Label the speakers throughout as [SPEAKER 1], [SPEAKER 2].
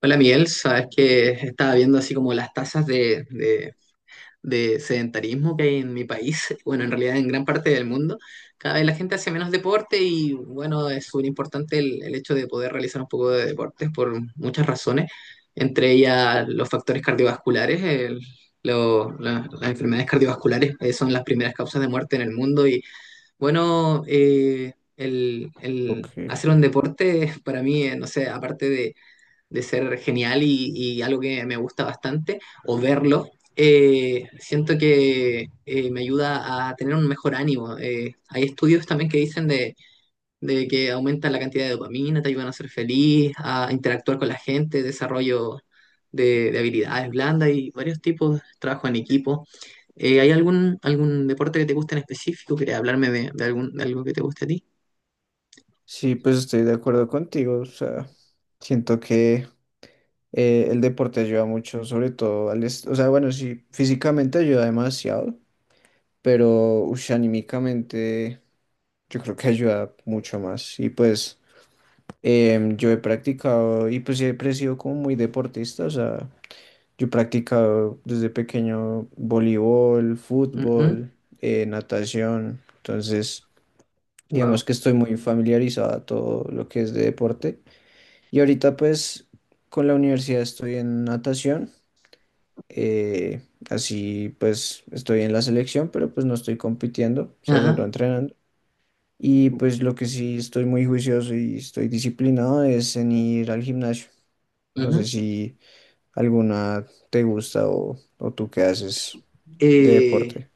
[SPEAKER 1] Hola Miguel, sabes que estaba viendo así como las tasas de sedentarismo que hay en mi país, bueno, en realidad en gran parte del mundo. Cada vez la gente hace menos deporte y bueno, es súper importante el hecho de poder realizar un poco de deportes por muchas razones, entre ellas los factores cardiovasculares. Las enfermedades cardiovasculares son las primeras causas de muerte en el mundo y bueno, el,
[SPEAKER 2] Ok.
[SPEAKER 1] el hacer un deporte para mí, no sé, aparte de ser genial y algo que me gusta bastante, o verlo, siento que me ayuda a tener un mejor ánimo. Hay estudios también que dicen de que aumenta la cantidad de dopamina, te ayudan a ser feliz, a interactuar con la gente, desarrollo de habilidades blandas y varios tipos, trabajo en equipo. ¿Hay algún deporte que te guste en específico? ¿Quieres hablarme de algo que te guste a ti?
[SPEAKER 2] Sí, pues estoy de acuerdo contigo. O sea, siento que el deporte ayuda mucho, sobre todo O sea, bueno, sí, físicamente ayuda demasiado, pero ush, anímicamente yo creo que ayuda mucho más. Y pues yo he practicado y pues siempre he sido como muy deportista. O sea, yo he practicado desde pequeño voleibol,
[SPEAKER 1] Ujú.
[SPEAKER 2] fútbol, natación. Entonces,
[SPEAKER 1] Wow.
[SPEAKER 2] digamos que estoy muy familiarizado a todo lo que es de deporte. Y ahorita pues con la universidad estoy en natación, eh, así pues estoy en la selección, pero pues no estoy compitiendo, o sea, solo
[SPEAKER 1] Ajá.
[SPEAKER 2] entrenando. Y pues lo que sí estoy muy juicioso y estoy disciplinado es en ir al gimnasio. No sé
[SPEAKER 1] Ujú.
[SPEAKER 2] si alguna te gusta o tú qué haces de
[SPEAKER 1] Eh,
[SPEAKER 2] deporte.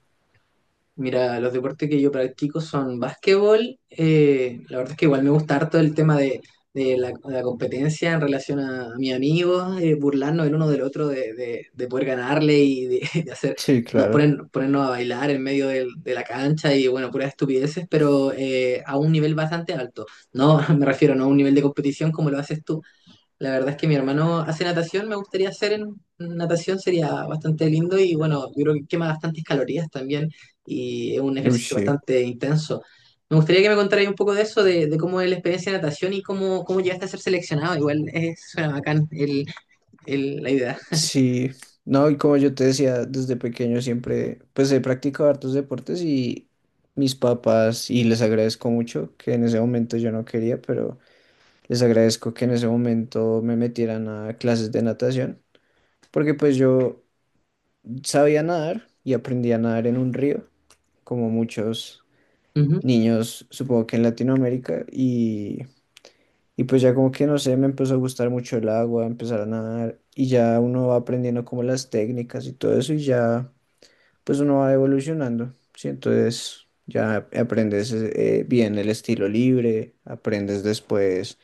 [SPEAKER 1] Mira, los deportes que yo practico son básquetbol. La verdad es que igual me gusta harto el tema de la competencia en relación a mis amigos, burlarnos el uno del otro, de, de poder ganarle y de, de hacer,
[SPEAKER 2] Sí,
[SPEAKER 1] no,
[SPEAKER 2] claro.
[SPEAKER 1] ponernos a bailar en medio de la cancha y bueno, puras estupideces, pero a un nivel bastante alto. No, me refiero no a un nivel de competición como lo haces tú. La verdad es que mi hermano hace natación, me gustaría hacer en natación, sería bastante lindo y bueno, yo creo que quema bastantes calorías también y es un
[SPEAKER 2] Uy,
[SPEAKER 1] ejercicio
[SPEAKER 2] sí.
[SPEAKER 1] bastante intenso. Me gustaría que me contarais un poco de eso, de cómo es la experiencia de natación y cómo llegaste a ser seleccionado. Igual es, suena bacán la idea.
[SPEAKER 2] Sí, no, y como yo te decía, desde pequeño siempre, pues he practicado hartos deportes y mis papás, y les agradezco mucho que en ese momento yo no quería, pero les agradezco que en ese momento me metieran a clases de natación, porque pues yo sabía nadar y aprendí a nadar en un río, como muchos
[SPEAKER 1] Ujú.
[SPEAKER 2] niños, supongo que en Latinoamérica, y pues ya como que no sé, me empezó a gustar mucho el agua, empezar a nadar, y ya uno va aprendiendo como las técnicas y todo eso, y ya. Pues uno va evolucionando, ¿sí? Entonces ya aprendes bien el estilo libre, aprendes después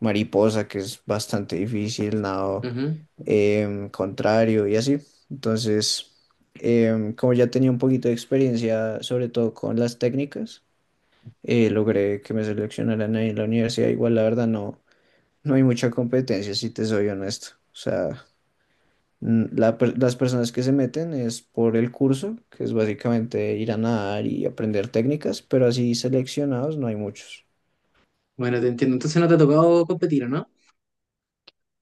[SPEAKER 2] mariposa, que es bastante difícil, nado
[SPEAKER 1] Ujú.
[SPEAKER 2] contrario y así. Entonces, como ya tenía un poquito de experiencia, sobre todo con las técnicas, logré que me seleccionaran ahí en la universidad. Igual, la verdad, no, no hay mucha competencia, si te soy honesto. O sea, las personas que se meten es por el curso, que es básicamente ir a nadar y aprender técnicas, pero así seleccionados no hay muchos.
[SPEAKER 1] Bueno, te entiendo. Entonces no te ha tocado competir, ¿o no?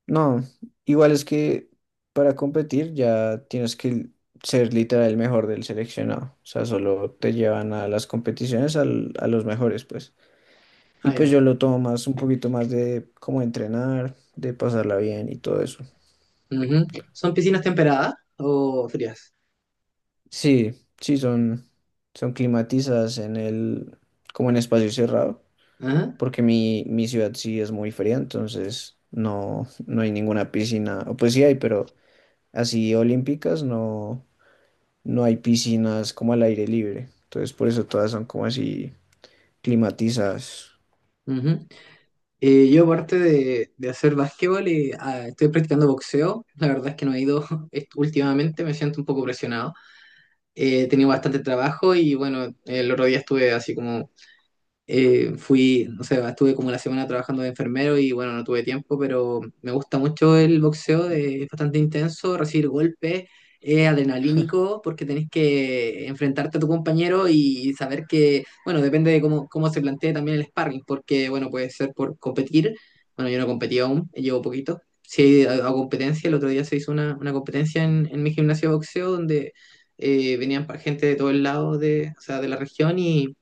[SPEAKER 2] No, igual es que para competir ya tienes que ser literal el mejor del seleccionado. O sea, solo te llevan a las competiciones a los mejores, pues. Y
[SPEAKER 1] Ah,
[SPEAKER 2] pues
[SPEAKER 1] ya.
[SPEAKER 2] yo lo tomo más, un poquito más de cómo entrenar, de pasarla bien y todo eso.
[SPEAKER 1] Ujú. ¿Son piscinas temperadas o frías?
[SPEAKER 2] Sí, sí, son climatizadas, como en espacio cerrado.
[SPEAKER 1] Ajá.
[SPEAKER 2] Porque mi ciudad sí es muy fría, entonces no, no hay ninguna piscina, o pues sí hay, pero así olímpicas no, no hay piscinas como al aire libre, entonces por eso todas son como así climatizadas.
[SPEAKER 1] Ujú. Yo aparte de hacer básquetbol, estoy practicando boxeo. La verdad es que no he ido últimamente, me siento un poco presionado. He tenido bastante trabajo y bueno, el otro día estuve así como fui, no sé, estuve como la semana trabajando de enfermero y bueno, no tuve tiempo, pero me gusta mucho el boxeo, es bastante intenso, recibir golpes, es adrenalínico porque tenés que enfrentarte a tu compañero y saber que, bueno, depende de cómo se plantee también el sparring, porque bueno, puede ser por competir, bueno, yo no competí aún, llevo poquito. Sí, a competencia, el otro día se hizo una competencia en mi gimnasio de boxeo donde venían gente de todos lados de, o sea, de la región y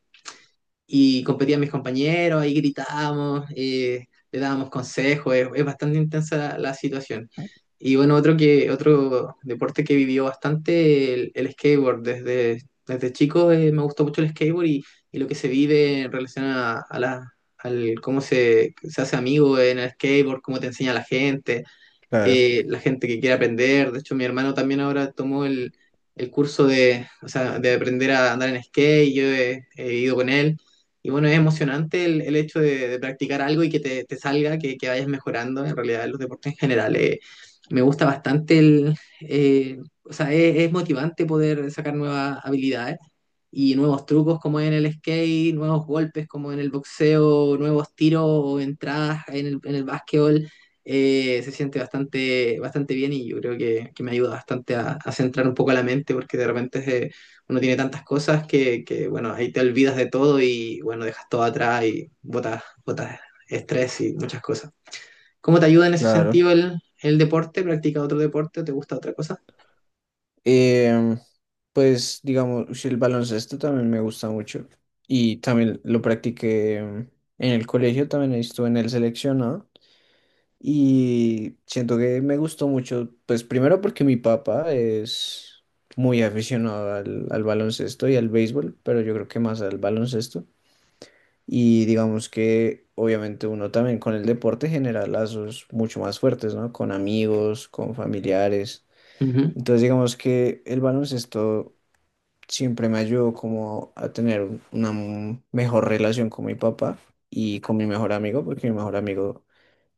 [SPEAKER 1] competían mis compañeros, ahí gritábamos, le dábamos consejos, es bastante intensa la situación. Y bueno, otro deporte que vivió bastante el skateboard. Desde chico me gustó mucho el skateboard y lo que se vive en relación al cómo se hace amigo en el skateboard, cómo te enseña
[SPEAKER 2] Claro,
[SPEAKER 1] la gente que quiere aprender. De hecho, mi hermano también ahora tomó el curso de, o sea, de aprender a andar en skate y yo he ido con él. Y bueno, es emocionante el hecho de practicar algo y que te salga, que vayas mejorando en realidad los deportes en general. Me gusta bastante eh, o sea, es motivante poder sacar nuevas habilidades y nuevos trucos como en el skate, nuevos golpes como en el boxeo, nuevos tiros o entradas en el básquetbol, se siente bastante, bastante bien y yo creo que me ayuda bastante a centrar un poco la mente porque de repente uno tiene tantas cosas que, bueno, ahí te olvidas de todo y bueno, dejas todo atrás y botas estrés y muchas cosas. ¿Cómo te ayuda en ese
[SPEAKER 2] claro.
[SPEAKER 1] sentido el deporte? ¿Practicas otro deporte o te gusta otra cosa?
[SPEAKER 2] Em, pues digamos, ush, el baloncesto también me gusta mucho y también lo practiqué en el colegio, también estuve en el seleccionado. Y siento que me gustó mucho, pues primero porque mi papá es muy aficionado al baloncesto y al béisbol, pero yo creo que más al baloncesto. Y digamos que obviamente uno también con el deporte genera lazos mucho más fuertes, ¿no? Con amigos, con familiares. Entonces digamos que el baloncesto siempre me ayudó como a tener mejor relación con mi papá y con mi mejor amigo, porque mi mejor amigo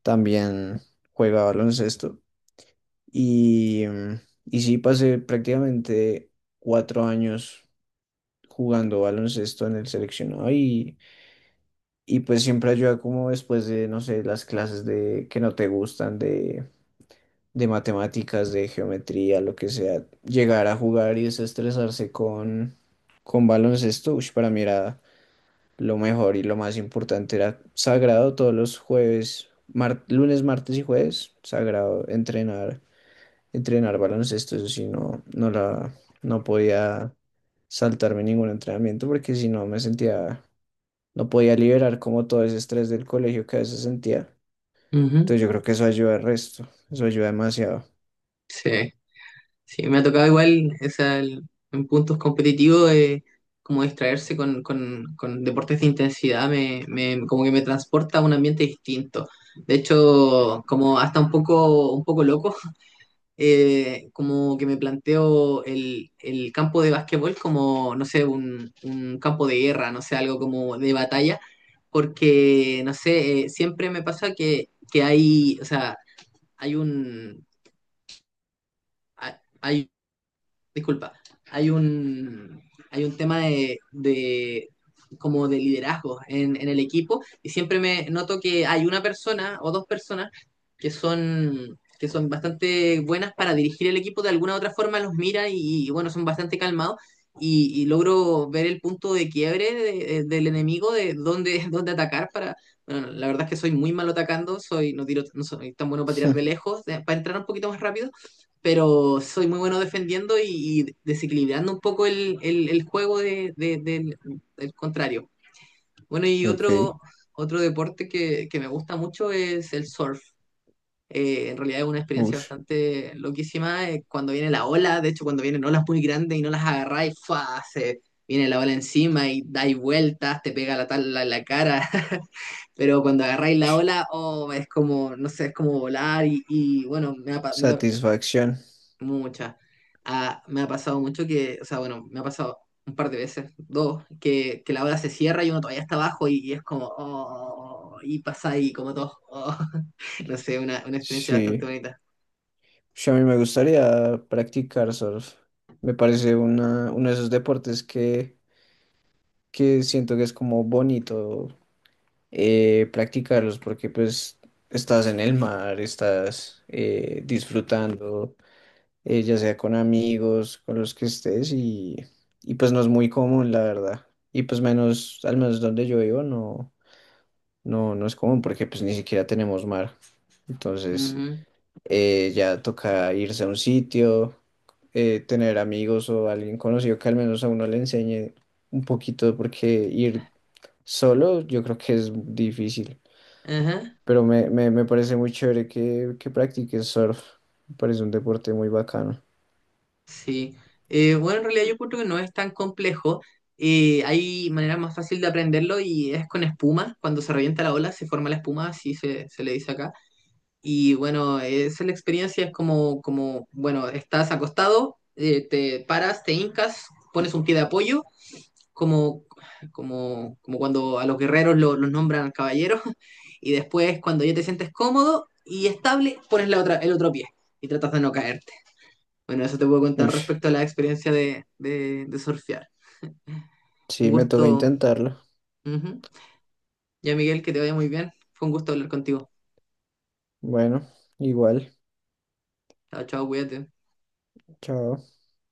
[SPEAKER 2] también juega baloncesto. Y, mm, y sí, pasé prácticamente 4 años jugando baloncesto en el seleccionado y pues siempre ayuda como después de, no sé, las clases de que no te gustan, de matemáticas, de geometría, lo que sea, llegar a jugar y desestresarse con baloncesto, ush, para mí era lo mejor y lo más importante, era sagrado todos los jueves, lunes, martes y jueves, sagrado entrenar. Entrenar baloncesto, eso sí, no podía saltarme ningún entrenamiento porque si no me sentía, no podía liberar como todo ese estrés del colegio que a veces sentía.
[SPEAKER 1] Ujú. Ujú.
[SPEAKER 2] Entonces yo creo que eso ayuda al resto, eso ayuda demasiado.
[SPEAKER 1] Sí. Sí, me ha tocado igual, o sea, en puntos competitivos, como distraerse con, con deportes de intensidad, como que me transporta a un ambiente distinto. De hecho, como hasta un poco loco, como que me planteo el campo de básquetbol como, no sé, un campo de guerra, no sé, algo como de batalla, porque, no sé, siempre me pasa que hay, o sea, hay un... disculpa, hay un, hay un tema como de liderazgo en el equipo y siempre me noto que hay una persona o dos personas que son bastante buenas para dirigir el equipo, de alguna u otra forma los mira y, bueno, son bastante calmados. Y logro ver el punto de quiebre del enemigo, de dónde, dónde atacar para... Bueno, la verdad es que soy muy malo atacando, no tiro, no soy tan bueno para tirar de lejos, para entrar un poquito más rápido, pero soy muy bueno defendiendo y desequilibrando un poco el juego del contrario. Bueno, y
[SPEAKER 2] Ok,
[SPEAKER 1] otro deporte que me gusta mucho es el surf. En realidad es una experiencia
[SPEAKER 2] ush,
[SPEAKER 1] bastante loquísima, cuando viene la ola, de hecho cuando vienen olas muy grandes y no las agarráis, ¡fua! Se viene la ola encima y dais vueltas, te pega la tabla en la cara. Pero cuando agarráis la ola, oh, es como, no sé, es como volar y, bueno, me ha
[SPEAKER 2] satisfacción,
[SPEAKER 1] Muchas. Ah, me ha pasado mucho que, o sea, bueno, me ha pasado un par de veces, dos, que la ola se cierra y uno todavía está abajo y es como, oh, y pasa ahí como todo, oh. No sé, una experiencia bastante
[SPEAKER 2] sí.
[SPEAKER 1] bonita.
[SPEAKER 2] Ush, a mí me gustaría practicar surf, me parece uno de esos deportes que siento que es como bonito practicarlos porque pues estás en el mar, estás disfrutando, ya sea con amigos, con los que estés y pues no es muy común, la verdad. Y pues menos, al menos donde yo vivo, no es común porque pues ni siquiera tenemos mar. Entonces
[SPEAKER 1] Ujú.
[SPEAKER 2] ya toca irse a un sitio, tener amigos o alguien conocido que al menos a uno le enseñe un poquito porque ir solo yo creo que es difícil.
[SPEAKER 1] Ajá.
[SPEAKER 2] Pero me parece muy chévere que practiques surf. Me parece un deporte muy bacano.
[SPEAKER 1] Sí. Bueno, en realidad yo creo que no es tan complejo. Hay manera más fácil de aprenderlo y es con espuma. Cuando se revienta la ola, se forma la espuma, así se le dice acá. Y bueno, es la experiencia, es como, bueno, estás acostado, te paras, te hincas, pones un pie de apoyo, como, como cuando a los guerreros los nombran caballeros, y después cuando ya te sientes cómodo y estable, pones el otro pie y tratas de no caerte. Bueno, eso te puedo contar
[SPEAKER 2] Ush,
[SPEAKER 1] respecto a la experiencia de surfear. Un
[SPEAKER 2] sí, me toca
[SPEAKER 1] gusto.
[SPEAKER 2] intentarlo.
[SPEAKER 1] Ujú. Ya, Miguel, que te vaya muy bien. Fue un gusto hablar contigo.
[SPEAKER 2] Bueno, igual.
[SPEAKER 1] Chao, chao, cuídate.
[SPEAKER 2] Chao.